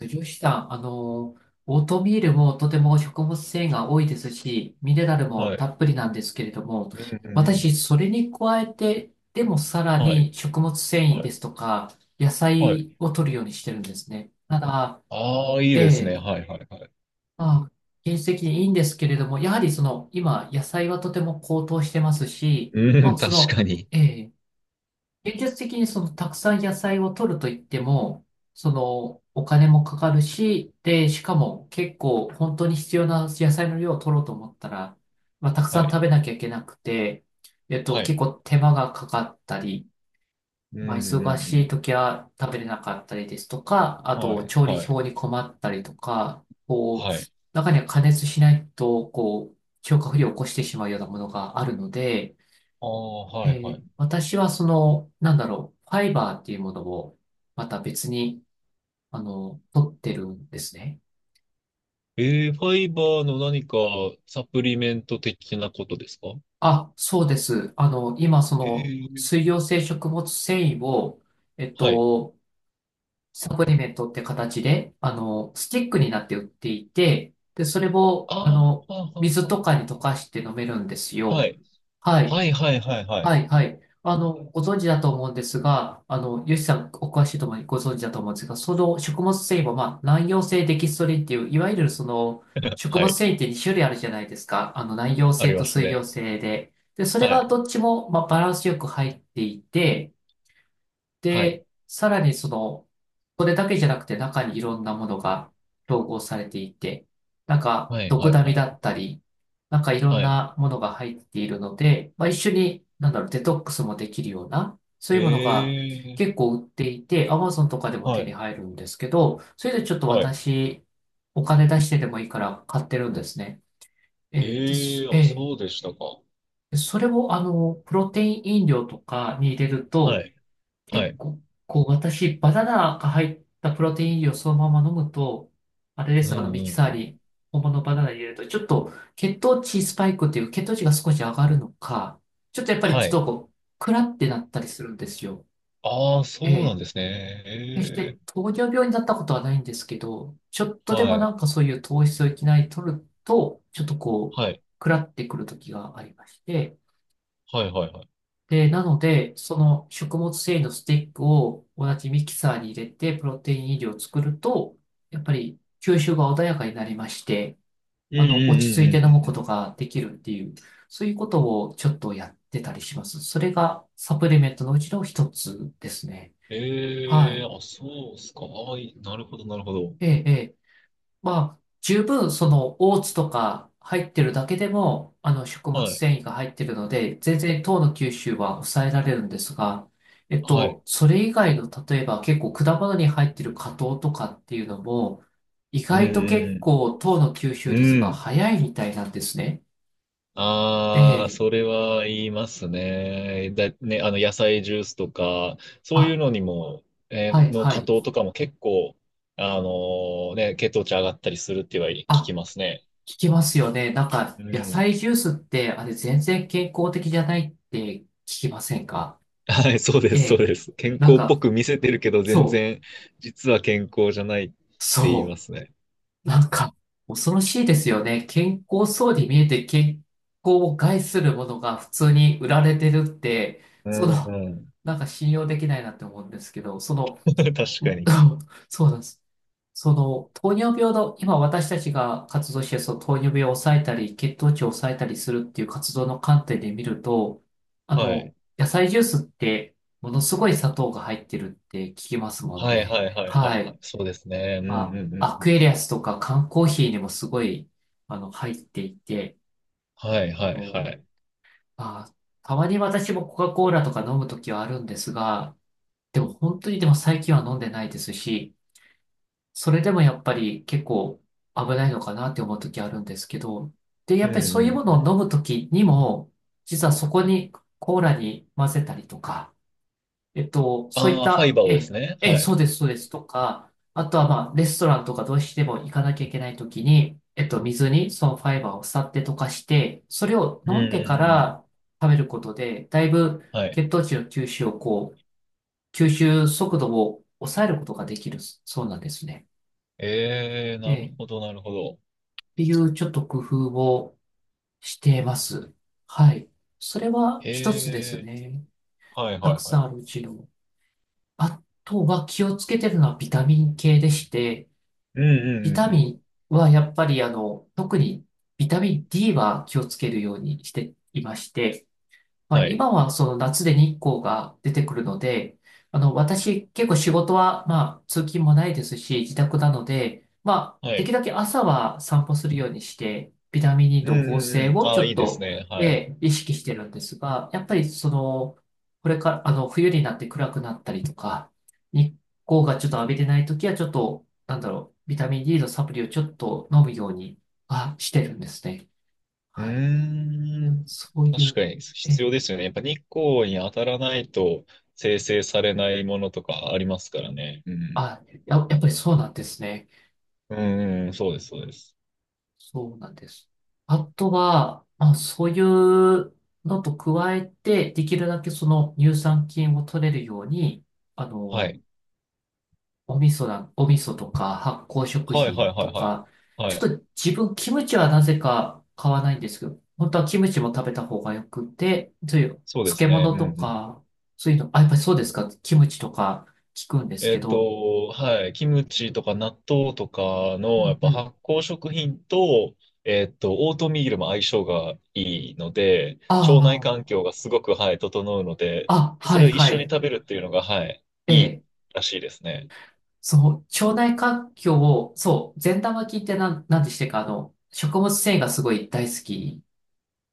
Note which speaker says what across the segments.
Speaker 1: 女子さん、オートミールもとても食物繊維が多いですし、ミネラルも
Speaker 2: は
Speaker 1: た
Speaker 2: い。
Speaker 1: っぷりなんですけれども、
Speaker 2: うんうんうん。
Speaker 1: 私、それに加えて、でもさら
Speaker 2: はい。
Speaker 1: に食物繊維
Speaker 2: は
Speaker 1: で
Speaker 2: い。
Speaker 1: すとか、野
Speaker 2: はい。
Speaker 1: 菜を取るようにしてるんですね。ただ、
Speaker 2: ああ、いい
Speaker 1: え
Speaker 2: ですね。
Speaker 1: え、
Speaker 2: はい。はい。はい。
Speaker 1: まあ、現実的にいいんですけれども、やはり今、野菜はとても高騰してますし、ま
Speaker 2: うん、
Speaker 1: あ、そ
Speaker 2: 確
Speaker 1: の、
Speaker 2: かに。
Speaker 1: ええ現実的にそのたくさん野菜を取ると言っても、そのお金もかかるし、で、しかも結構本当に必要な野菜の量を取ろうと思ったら、たくさ
Speaker 2: は
Speaker 1: ん食
Speaker 2: い。
Speaker 1: べなきゃいけなくて、
Speaker 2: は
Speaker 1: 結
Speaker 2: い。
Speaker 1: 構手間がかかったり、
Speaker 2: うんう
Speaker 1: 忙
Speaker 2: んう
Speaker 1: しい
Speaker 2: ん。
Speaker 1: 時は食べれなかったりですとか、あ
Speaker 2: は
Speaker 1: と
Speaker 2: い。
Speaker 1: 調理
Speaker 2: はい。
Speaker 1: 表に困ったりとか、
Speaker 2: はい。
Speaker 1: 中には加熱しないと、消化不良を起こしてしまうようなものがあるので、
Speaker 2: ああ、
Speaker 1: え
Speaker 2: はい。はい。
Speaker 1: 私はその、ファイバーっていうものを、また別に、取ってるんですね。
Speaker 2: えー、ファイバーの何かサプリメント的なことですか？
Speaker 1: あ、そうです。今、
Speaker 2: えー、
Speaker 1: 水溶性食物繊維を、えっ
Speaker 2: はい。
Speaker 1: と、サプリメントって形で、スティックになって売っていて、で、それ
Speaker 2: あ
Speaker 1: を、
Speaker 2: あ、はあはあは
Speaker 1: 水と
Speaker 2: あ
Speaker 1: かに溶
Speaker 2: は
Speaker 1: かして飲めるんです
Speaker 2: あは
Speaker 1: よ。
Speaker 2: い。
Speaker 1: はい。
Speaker 2: はい。はい。はい。は
Speaker 1: は
Speaker 2: い。
Speaker 1: い、はい。ご存知だと思うんですが、ヨシさん、お詳しいと思い、ご存知だと思うんですが、その食物繊維も、難溶性デキストリンっていう、いわゆるその、食
Speaker 2: は
Speaker 1: 物
Speaker 2: い。
Speaker 1: 繊維って2種類あるじゃないですか。難溶
Speaker 2: あ
Speaker 1: 性
Speaker 2: り
Speaker 1: と
Speaker 2: ます
Speaker 1: 水溶
Speaker 2: ね。
Speaker 1: 性で。で、それ
Speaker 2: は
Speaker 1: が
Speaker 2: い。
Speaker 1: どっちも、バランスよく入っていて、
Speaker 2: はい。
Speaker 1: で、さらにその、これだけじゃなくて中にいろんなものが統合されていて、なんか、
Speaker 2: はい。
Speaker 1: ドク
Speaker 2: はい。
Speaker 1: ダミ
Speaker 2: はい。
Speaker 1: だったり、なんかいろん
Speaker 2: はい。
Speaker 1: なものが入っているので、一緒に、デトックスもできるような、そう
Speaker 2: え
Speaker 1: いうものが結
Speaker 2: ー、
Speaker 1: 構売っていて、Amazon とかでも手
Speaker 2: は
Speaker 1: に
Speaker 2: い。
Speaker 1: 入るんですけど、それでちょっと
Speaker 2: はい。
Speaker 1: 私、お金出してでもいいから買ってるんですね。えーで
Speaker 2: え
Speaker 1: す
Speaker 2: ー、あ、
Speaker 1: えー
Speaker 2: そうでしたか。
Speaker 1: それを、プロテイン飲料とかに入れる
Speaker 2: は
Speaker 1: と、
Speaker 2: い。は
Speaker 1: 結
Speaker 2: い。
Speaker 1: 構、私、バナナが入ったプロテイン飲料をそのまま飲むと、あれで
Speaker 2: うん
Speaker 1: す、ミ
Speaker 2: う
Speaker 1: キサ
Speaker 2: んう
Speaker 1: ー
Speaker 2: ん。
Speaker 1: に本物のバナナ入れると、ちょっと血糖値スパイクっていう血糖値が少し上がるのか、ちょっとやっぱり
Speaker 2: は
Speaker 1: ちょっ
Speaker 2: い。
Speaker 1: とクラってなったりするんですよ。
Speaker 2: ああ、
Speaker 1: え
Speaker 2: そうなん
Speaker 1: え。
Speaker 2: ですね。
Speaker 1: 決し
Speaker 2: え
Speaker 1: て
Speaker 2: え。
Speaker 1: 糖尿病になったことはないんですけど、ちょっとで
Speaker 2: は
Speaker 1: もな
Speaker 2: い。
Speaker 1: んかそういう糖質をいきなり取ると、ちょっと
Speaker 2: はい。
Speaker 1: クラってくる時がありまして、
Speaker 2: はいはいはい。
Speaker 1: で、なので、その食物繊維のスティックを同じミキサーに入れて、プロテイン飲料を作ると、やっぱり吸収が穏やかになりまして、
Speaker 2: うんうん
Speaker 1: 落ち
Speaker 2: うんう
Speaker 1: 着いて
Speaker 2: んう
Speaker 1: 飲む
Speaker 2: んう
Speaker 1: こと
Speaker 2: ん。
Speaker 1: ができるっていう、そういうことをちょっとやってたりします。それがサプリメントのうちの一つですね。は
Speaker 2: ええ、
Speaker 1: い。
Speaker 2: あ、そうっすか。ああ、いい、なるほどなるほど。
Speaker 1: ええ、えま十分そのオーツとか入ってるだけでも、あの食物
Speaker 2: はい。
Speaker 1: 繊維が入ってるので、全然糖の吸収は抑えられるんですが、
Speaker 2: はい。
Speaker 1: それ以外の例えば結構果物に入ってる果糖とかっていうのも、意
Speaker 2: う
Speaker 1: 外と結
Speaker 2: ん
Speaker 1: 構糖の吸
Speaker 2: う
Speaker 1: 収
Speaker 2: んう
Speaker 1: 率
Speaker 2: ん。
Speaker 1: が
Speaker 2: うん。
Speaker 1: 早いみたいなんですね。え
Speaker 2: ああ、
Speaker 1: え。
Speaker 2: それは言いますね。だ、ね、あの、野菜ジュースとか、そういう
Speaker 1: あ、
Speaker 2: のにも、え
Speaker 1: はい
Speaker 2: ーの
Speaker 1: は
Speaker 2: 加
Speaker 1: い。
Speaker 2: 糖とかも結構、あのーね、血糖値上がったりするっては聞き
Speaker 1: あ、
Speaker 2: ますね。
Speaker 1: 聞きますよね。なんか
Speaker 2: う
Speaker 1: 野
Speaker 2: ん。
Speaker 1: 菜ジュースってあれ全然健康的じゃないって聞きませんか？
Speaker 2: はい、そうで
Speaker 1: え
Speaker 2: す、そう
Speaker 1: え。
Speaker 2: です。健
Speaker 1: なん
Speaker 2: 康っぽ
Speaker 1: か、
Speaker 2: く見せてるけど、全
Speaker 1: そう。
Speaker 2: 然、実は健康じゃないって言いま
Speaker 1: そ
Speaker 2: すね。
Speaker 1: う。なんか、恐ろしいですよね。健康そうに見えて健康を害するものが普通に売られてるって、
Speaker 2: う
Speaker 1: そ
Speaker 2: ん
Speaker 1: の、
Speaker 2: うん。
Speaker 1: なんか信用できないなって思うんですけど、その、
Speaker 2: 確か
Speaker 1: う
Speaker 2: に。
Speaker 1: そうなんです。その、糖尿病の、今私たちが活動して、その糖尿病を抑えたり、血糖値を抑えたりするっていう活動の観点で見ると、
Speaker 2: はい。
Speaker 1: 野菜ジュースって、ものすごい砂糖が入ってるって聞きますもん
Speaker 2: はい
Speaker 1: ね。
Speaker 2: はいはいは
Speaker 1: は
Speaker 2: いは
Speaker 1: い。
Speaker 2: い。そうですね。うんうんうんう
Speaker 1: ア
Speaker 2: ん。
Speaker 1: クエリアスとか缶コーヒーにもすごい、入っていて、
Speaker 2: はい
Speaker 1: あ
Speaker 2: はい
Speaker 1: の、
Speaker 2: はい。
Speaker 1: まあ、たまに私もコカ・コーラとか飲むときはあるんですが、でも本当にでも最近は飲んでないですし、それでもやっぱり結構危ないのかなって思うときあるんですけど、で、や
Speaker 2: う
Speaker 1: っ
Speaker 2: ん
Speaker 1: ぱりそ
Speaker 2: う
Speaker 1: う
Speaker 2: ん
Speaker 1: いうも
Speaker 2: う
Speaker 1: のを飲
Speaker 2: ん。
Speaker 1: むときにも、実はそこにコーラに混ぜたりとか、そういっ
Speaker 2: ああ、ファイ
Speaker 1: た、
Speaker 2: バーをですね。は
Speaker 1: そう
Speaker 2: い。
Speaker 1: です、そうです、とか、あとは、レストランとかどうしても行かなきゃいけないときに、水にそのファイバーをさって溶かして、それを
Speaker 2: うんう
Speaker 1: 飲
Speaker 2: んう
Speaker 1: んでか
Speaker 2: んうん。
Speaker 1: ら食べることで、だいぶ
Speaker 2: はい。
Speaker 1: 血糖値の吸収をこう、吸収速度を抑えることができる、そうなんですね。
Speaker 2: えー、なる
Speaker 1: っ
Speaker 2: ほどなるほど。
Speaker 1: ていうちょっと工夫をしています。はい。それは
Speaker 2: え
Speaker 1: 一つです
Speaker 2: え
Speaker 1: ね。
Speaker 2: ー、はい
Speaker 1: た
Speaker 2: は
Speaker 1: く
Speaker 2: いは
Speaker 1: さん
Speaker 2: い。
Speaker 1: あるうちの。あとは気をつけてるのはビタミン系でして、
Speaker 2: うんう
Speaker 1: ビ
Speaker 2: んう
Speaker 1: タ
Speaker 2: んうん。
Speaker 1: ミンはやっぱり特にビタミン D は気をつけるようにしていまして、
Speaker 2: はい。
Speaker 1: 今はその夏で日光が出てくるので、私結構仕事は、通勤もないですし、自宅なので、
Speaker 2: は
Speaker 1: でき
Speaker 2: い。
Speaker 1: るだけ朝は散歩するようにして、ビタミン D
Speaker 2: う
Speaker 1: の
Speaker 2: ん
Speaker 1: 合
Speaker 2: うん
Speaker 1: 成
Speaker 2: うん。
Speaker 1: を
Speaker 2: あ
Speaker 1: ち
Speaker 2: あ、
Speaker 1: ょ
Speaker 2: い
Speaker 1: っ
Speaker 2: いです
Speaker 1: と、
Speaker 2: ね。はい。
Speaker 1: 意識してるんですが、やっぱりその、これから、冬になって暗くなったりとか、日光がちょっと浴びてない時は、ちょっと、ビタミン D のサプリをちょっと飲むようにはしてるんですね。
Speaker 2: う
Speaker 1: はい。
Speaker 2: ーん。
Speaker 1: そうい
Speaker 2: 確
Speaker 1: う、
Speaker 2: かに
Speaker 1: え
Speaker 2: 必要で
Speaker 1: ー
Speaker 2: すよね。やっぱ日光に当たらないと生成されないものとかありますからね。うん。
Speaker 1: あ、やっぱりそうなんですね。
Speaker 2: うんうん、そうです、そうです。
Speaker 1: そうなんです。あとは、そういうのと加えて、できるだけその乳酸菌を取れるように、あ
Speaker 2: は
Speaker 1: の、
Speaker 2: い。
Speaker 1: お味噌とか発酵食
Speaker 2: はい、はい、
Speaker 1: 品
Speaker 2: は
Speaker 1: と
Speaker 2: い、はい。
Speaker 1: か、ち
Speaker 2: は
Speaker 1: ょっ
Speaker 2: い。
Speaker 1: と自分キムチはなぜか買わないんですけど、本当はキムチも食べた方がよくて、そういう
Speaker 2: そうで
Speaker 1: 漬
Speaker 2: すね。う
Speaker 1: 物
Speaker 2: んう
Speaker 1: と
Speaker 2: ん。
Speaker 1: か、そういうの、あ、やっぱりそうですか、キムチとか聞くんです
Speaker 2: え
Speaker 1: け
Speaker 2: っ
Speaker 1: ど、
Speaker 2: と、はい。キムチとか納豆とか
Speaker 1: う
Speaker 2: の、や
Speaker 1: ん
Speaker 2: っ
Speaker 1: う
Speaker 2: ぱ
Speaker 1: ん。
Speaker 2: 発酵食品と、えっと、オートミールも相性がいいので、
Speaker 1: あ
Speaker 2: 腸内環境がすごく、はい、整うので、
Speaker 1: あ、あ、
Speaker 2: そ
Speaker 1: は
Speaker 2: れ
Speaker 1: い
Speaker 2: を一
Speaker 1: は
Speaker 2: 緒に
Speaker 1: い。
Speaker 2: 食べるっていうのが、はい、いい
Speaker 1: ええ
Speaker 2: らしいですね。
Speaker 1: そう、腸内環境を、そう、善玉菌ってなんでしてか、食物繊維がすごい大好き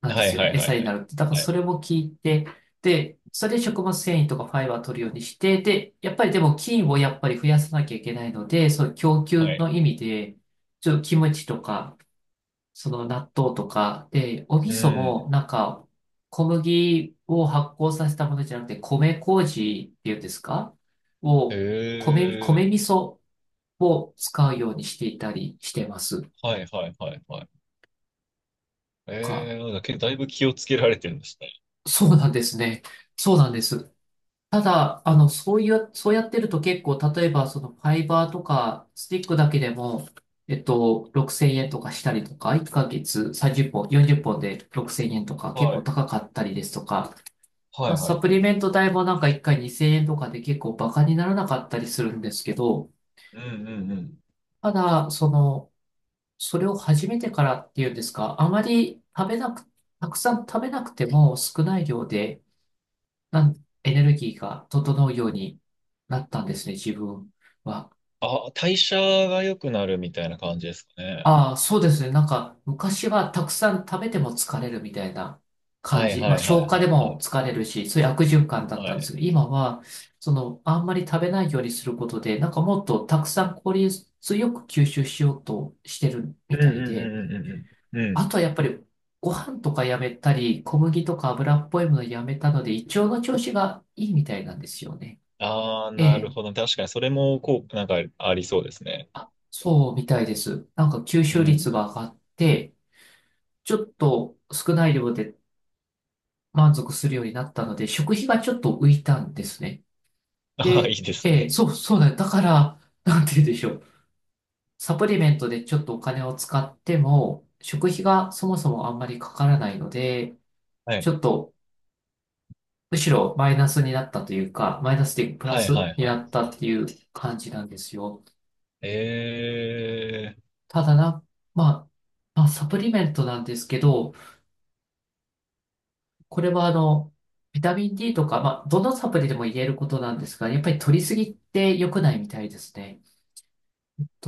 Speaker 1: なんで
Speaker 2: は
Speaker 1: す
Speaker 2: い
Speaker 1: よ
Speaker 2: は
Speaker 1: ね。
Speaker 2: いは
Speaker 1: 餌
Speaker 2: い
Speaker 1: に
Speaker 2: は
Speaker 1: な
Speaker 2: い。
Speaker 1: るって。だから
Speaker 2: は
Speaker 1: そ
Speaker 2: い。
Speaker 1: れも聞いて、で、それで食物繊維とかファイバー取るようにして、で、やっぱりでも菌をやっぱり増やさなきゃいけないので、そう、供
Speaker 2: は
Speaker 1: 給
Speaker 2: い。
Speaker 1: の意味で、ちょっとキムチとか、その納豆とか、で、お味
Speaker 2: う
Speaker 1: 噌
Speaker 2: ん。
Speaker 1: もなんか、小麦を発酵させたものじゃなくて、米麹っていうんですか
Speaker 2: え
Speaker 1: を、米味
Speaker 2: え。
Speaker 1: 噌を使うようにしていたりしてます
Speaker 2: はいはいはいはい。
Speaker 1: か。
Speaker 2: ええ、だけだいぶ気をつけられてるんですね。
Speaker 1: そうなんですね。そうなんです。ただ、そういう、そうやってると結構、例えば、そのファイバーとか、スティックだけでも、6000円とかしたりとか、1ヶ月30本、40本で6000円とか、結
Speaker 2: は
Speaker 1: 構
Speaker 2: い。
Speaker 1: 高かったりですとか、
Speaker 2: は
Speaker 1: ま
Speaker 2: い
Speaker 1: あ、
Speaker 2: は
Speaker 1: サプリ
Speaker 2: い。
Speaker 1: メント代もなんか1回2000円とかで結構バカにならなかったりするんですけど、
Speaker 2: うんうんうん。
Speaker 1: ただ、それを始めてからっていうんですか、あまり食べなく、たくさん食べなくても少ない量で、エネルギーが整うようになったんですね、自分は。
Speaker 2: あ、代謝が良くなるみたいな感じですかね。
Speaker 1: ああ、そうですね。なんか、昔はたくさん食べても疲れるみたいな感
Speaker 2: はい
Speaker 1: じ。
Speaker 2: は
Speaker 1: まあ、
Speaker 2: いは
Speaker 1: 消
Speaker 2: い
Speaker 1: 化
Speaker 2: は
Speaker 1: で
Speaker 2: いは
Speaker 1: も
Speaker 2: い。
Speaker 1: 疲れるし、そういう悪循環だっ
Speaker 2: は
Speaker 1: たんで
Speaker 2: い。
Speaker 1: すけど、今は、その、あんまり食べないようにすることで、なんかもっとたくさん効率よく吸収しようとしてる
Speaker 2: う
Speaker 1: み
Speaker 2: んう
Speaker 1: たい
Speaker 2: ん
Speaker 1: で、
Speaker 2: うんうんうんうん。うん。
Speaker 1: あとはやっぱりご飯とかやめたり、小麦とか油っぽいものやめたので、胃腸の調子がいいみたいなんですよね。
Speaker 2: ああ、
Speaker 1: え
Speaker 2: なる
Speaker 1: え、
Speaker 2: ほど。確かにそれもこう、なんかありそうですね。
Speaker 1: そうみたいです。なんか吸
Speaker 2: う
Speaker 1: 収率
Speaker 2: ん。
Speaker 1: が上がって、ちょっと少ない量で満足するようになったので、食費がちょっと浮いたんですね。
Speaker 2: ああ、い
Speaker 1: で、
Speaker 2: いです
Speaker 1: ええ、
Speaker 2: ね。
Speaker 1: そうだよ。だから、なんて言うんでしょう。サプリメントでちょっとお金を使っても、食費がそもそもあんまりかからないので、
Speaker 2: は
Speaker 1: ち
Speaker 2: い。
Speaker 1: ょっとむしろマイナスになったというか、マイナスでプラ
Speaker 2: はいは
Speaker 1: ス
Speaker 2: い
Speaker 1: に
Speaker 2: は
Speaker 1: な
Speaker 2: い。
Speaker 1: ったっていう感じなんですよ。
Speaker 2: ええ。
Speaker 1: ただな、ままあ、サプリメントなんですけど、これはあの、ビタミン D とか、まあ、どのサプリでも言えることなんですが、やっぱり取りすぎって良くないみたいですね。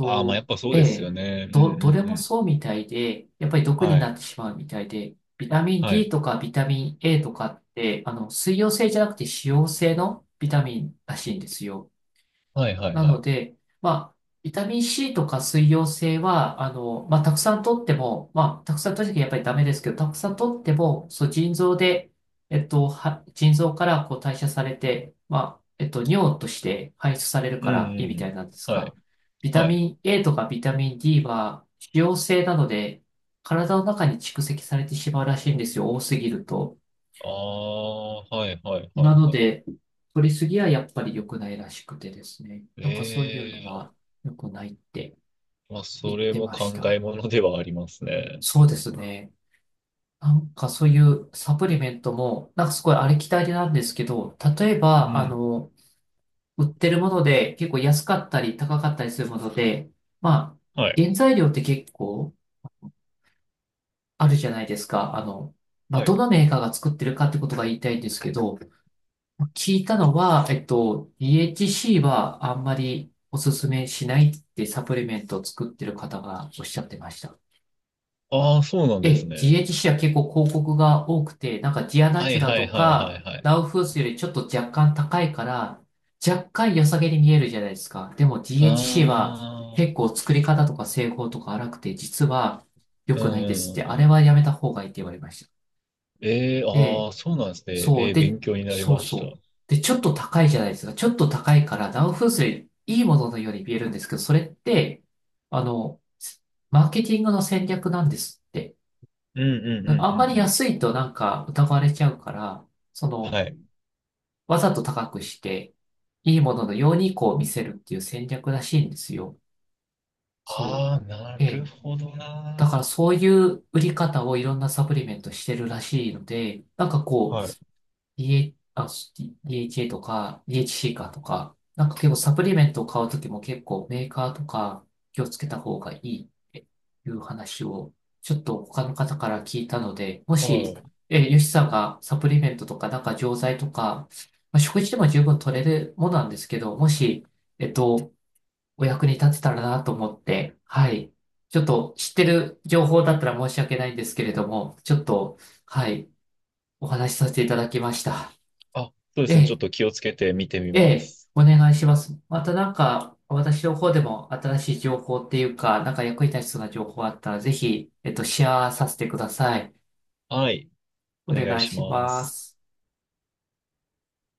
Speaker 2: ああ、まあやっぱそう
Speaker 1: え
Speaker 2: ですよ
Speaker 1: え、
Speaker 2: ね。う
Speaker 1: どれ
Speaker 2: ん
Speaker 1: も
Speaker 2: うん。
Speaker 1: そうみたいで、やっぱり毒
Speaker 2: は
Speaker 1: になっ
Speaker 2: い。
Speaker 1: てしまうみたいで、ビタミン
Speaker 2: は
Speaker 1: D
Speaker 2: い。
Speaker 1: とかビタミン A とかって、あの、水溶性じゃなくて脂溶性のビタミンらしいんですよ。
Speaker 2: はいはい
Speaker 1: な
Speaker 2: は
Speaker 1: の
Speaker 2: い。
Speaker 1: で、まあ、ビタミン C とか水溶性は、あの、まあ、たくさん取っても、まあ、たくさん取るときやっぱりダメですけど、たくさん取っても、そう、腎臓で、腎臓からこう代謝されて、まあ、尿として排出される
Speaker 2: うん
Speaker 1: か
Speaker 2: う
Speaker 1: らいいみ
Speaker 2: んう
Speaker 1: たい
Speaker 2: ん。
Speaker 1: なんです
Speaker 2: は
Speaker 1: が、
Speaker 2: い。
Speaker 1: ビタ
Speaker 2: はい。
Speaker 1: ミン A とかビタミン D は、脂溶性なので、体の中に蓄積されてしまうらしいんですよ、多すぎると。
Speaker 2: ああ、はいはいは
Speaker 1: な
Speaker 2: い
Speaker 1: の
Speaker 2: はい。
Speaker 1: で、取りすぎはやっぱり良くないらしくてですね。なんかそういうの
Speaker 2: ええ
Speaker 1: は良くないって
Speaker 2: ー、まあ、
Speaker 1: 言
Speaker 2: そ
Speaker 1: っ
Speaker 2: れ
Speaker 1: て
Speaker 2: も
Speaker 1: まし
Speaker 2: 考
Speaker 1: た。
Speaker 2: えものではありますね。
Speaker 1: そうですね。なんかそういうサプリメントも、なんかすごいありきたりなんですけど、例え
Speaker 2: う
Speaker 1: ば、あ
Speaker 2: ん。
Speaker 1: の、売ってるもので結構安かったり高かったりするもので、まあ、
Speaker 2: はい。
Speaker 1: 原材料って結構あるじゃないですか。あの、まあ、
Speaker 2: は
Speaker 1: ど
Speaker 2: い。
Speaker 1: のメーカーが作ってるかってことが言いたいんですけど、聞いたのは、DHC はあんまりおすすめしないってサプリメントを作ってる方がおっしゃってました。
Speaker 2: ああ、そうなん
Speaker 1: え
Speaker 2: で
Speaker 1: え、
Speaker 2: すね。
Speaker 1: DHC は結構広告が多くて、なんかジアナ
Speaker 2: は
Speaker 1: チュ
Speaker 2: い
Speaker 1: ラ
Speaker 2: は
Speaker 1: と
Speaker 2: いはいは
Speaker 1: か
Speaker 2: いはい。
Speaker 1: ラウフースよりちょっと若干高いから、若干良さげに見えるじゃないですか。でも
Speaker 2: あ
Speaker 1: DHC は結
Speaker 2: あ、
Speaker 1: 構作り方とか製法とか荒くて、実は良
Speaker 2: うん
Speaker 1: く
Speaker 2: う
Speaker 1: な
Speaker 2: ん
Speaker 1: いですっ
Speaker 2: う
Speaker 1: て、
Speaker 2: んう
Speaker 1: あれ
Speaker 2: ん。
Speaker 1: はやめた方がいいって言われました。
Speaker 2: ええー、
Speaker 1: ええ
Speaker 2: ああ、そうなんですね。
Speaker 1: そ
Speaker 2: え
Speaker 1: う、
Speaker 2: え、
Speaker 1: で、
Speaker 2: 勉強になり
Speaker 1: そう
Speaker 2: ました。
Speaker 1: そう。
Speaker 2: う
Speaker 1: で、ちょっと高いじゃないですか。ちょっと高いから、ダウン風水、いいもののように見えるんですけど、それって、あの、マーケティングの戦略なんですって。
Speaker 2: んうんうんう
Speaker 1: うんあんま
Speaker 2: ん
Speaker 1: り
Speaker 2: うん。
Speaker 1: 安いとなんか疑われちゃうから、その、
Speaker 2: はい。
Speaker 1: わざと高くして、いいもののようにこう見せるっていう戦略らしいんですよ。そう。
Speaker 2: ああ、な
Speaker 1: え
Speaker 2: る
Speaker 1: え。
Speaker 2: ほど
Speaker 1: だから
Speaker 2: な
Speaker 1: そういう売り方をいろんなサプリメントしてるらしいので、なんか
Speaker 2: ー。
Speaker 1: こう、
Speaker 2: はい。
Speaker 1: し a とか、DHC かとか、なんか結構サプリメントを買うときも結構メーカーとか気をつけた方がいいっていう話をちょっと他の方から聞いたので、も
Speaker 2: は
Speaker 1: し、
Speaker 2: い。
Speaker 1: えヨシさんがサプリメントとかなんか錠剤とか、まあ、食事でも十分取れるものなんですけど、もし、えっと、お役に立てたらなと思って、はい。ちょっと知ってる情報だったら申し訳ないんですけれども、ちょっと、はい、お話しさせていただきました。
Speaker 2: あ、そうで
Speaker 1: え
Speaker 2: すね。ちょっ
Speaker 1: え
Speaker 2: と気をつけて見てみ
Speaker 1: え
Speaker 2: ま
Speaker 1: え、
Speaker 2: す。
Speaker 1: お願いします。またなんか、私の方でも新しい情報っていうか、なんか役に立ちそうな情報あったら、ぜひ、シェアさせてください。
Speaker 2: はい。
Speaker 1: お
Speaker 2: お願い
Speaker 1: 願い
Speaker 2: し
Speaker 1: し
Speaker 2: ま
Speaker 1: ま
Speaker 2: す。
Speaker 1: す。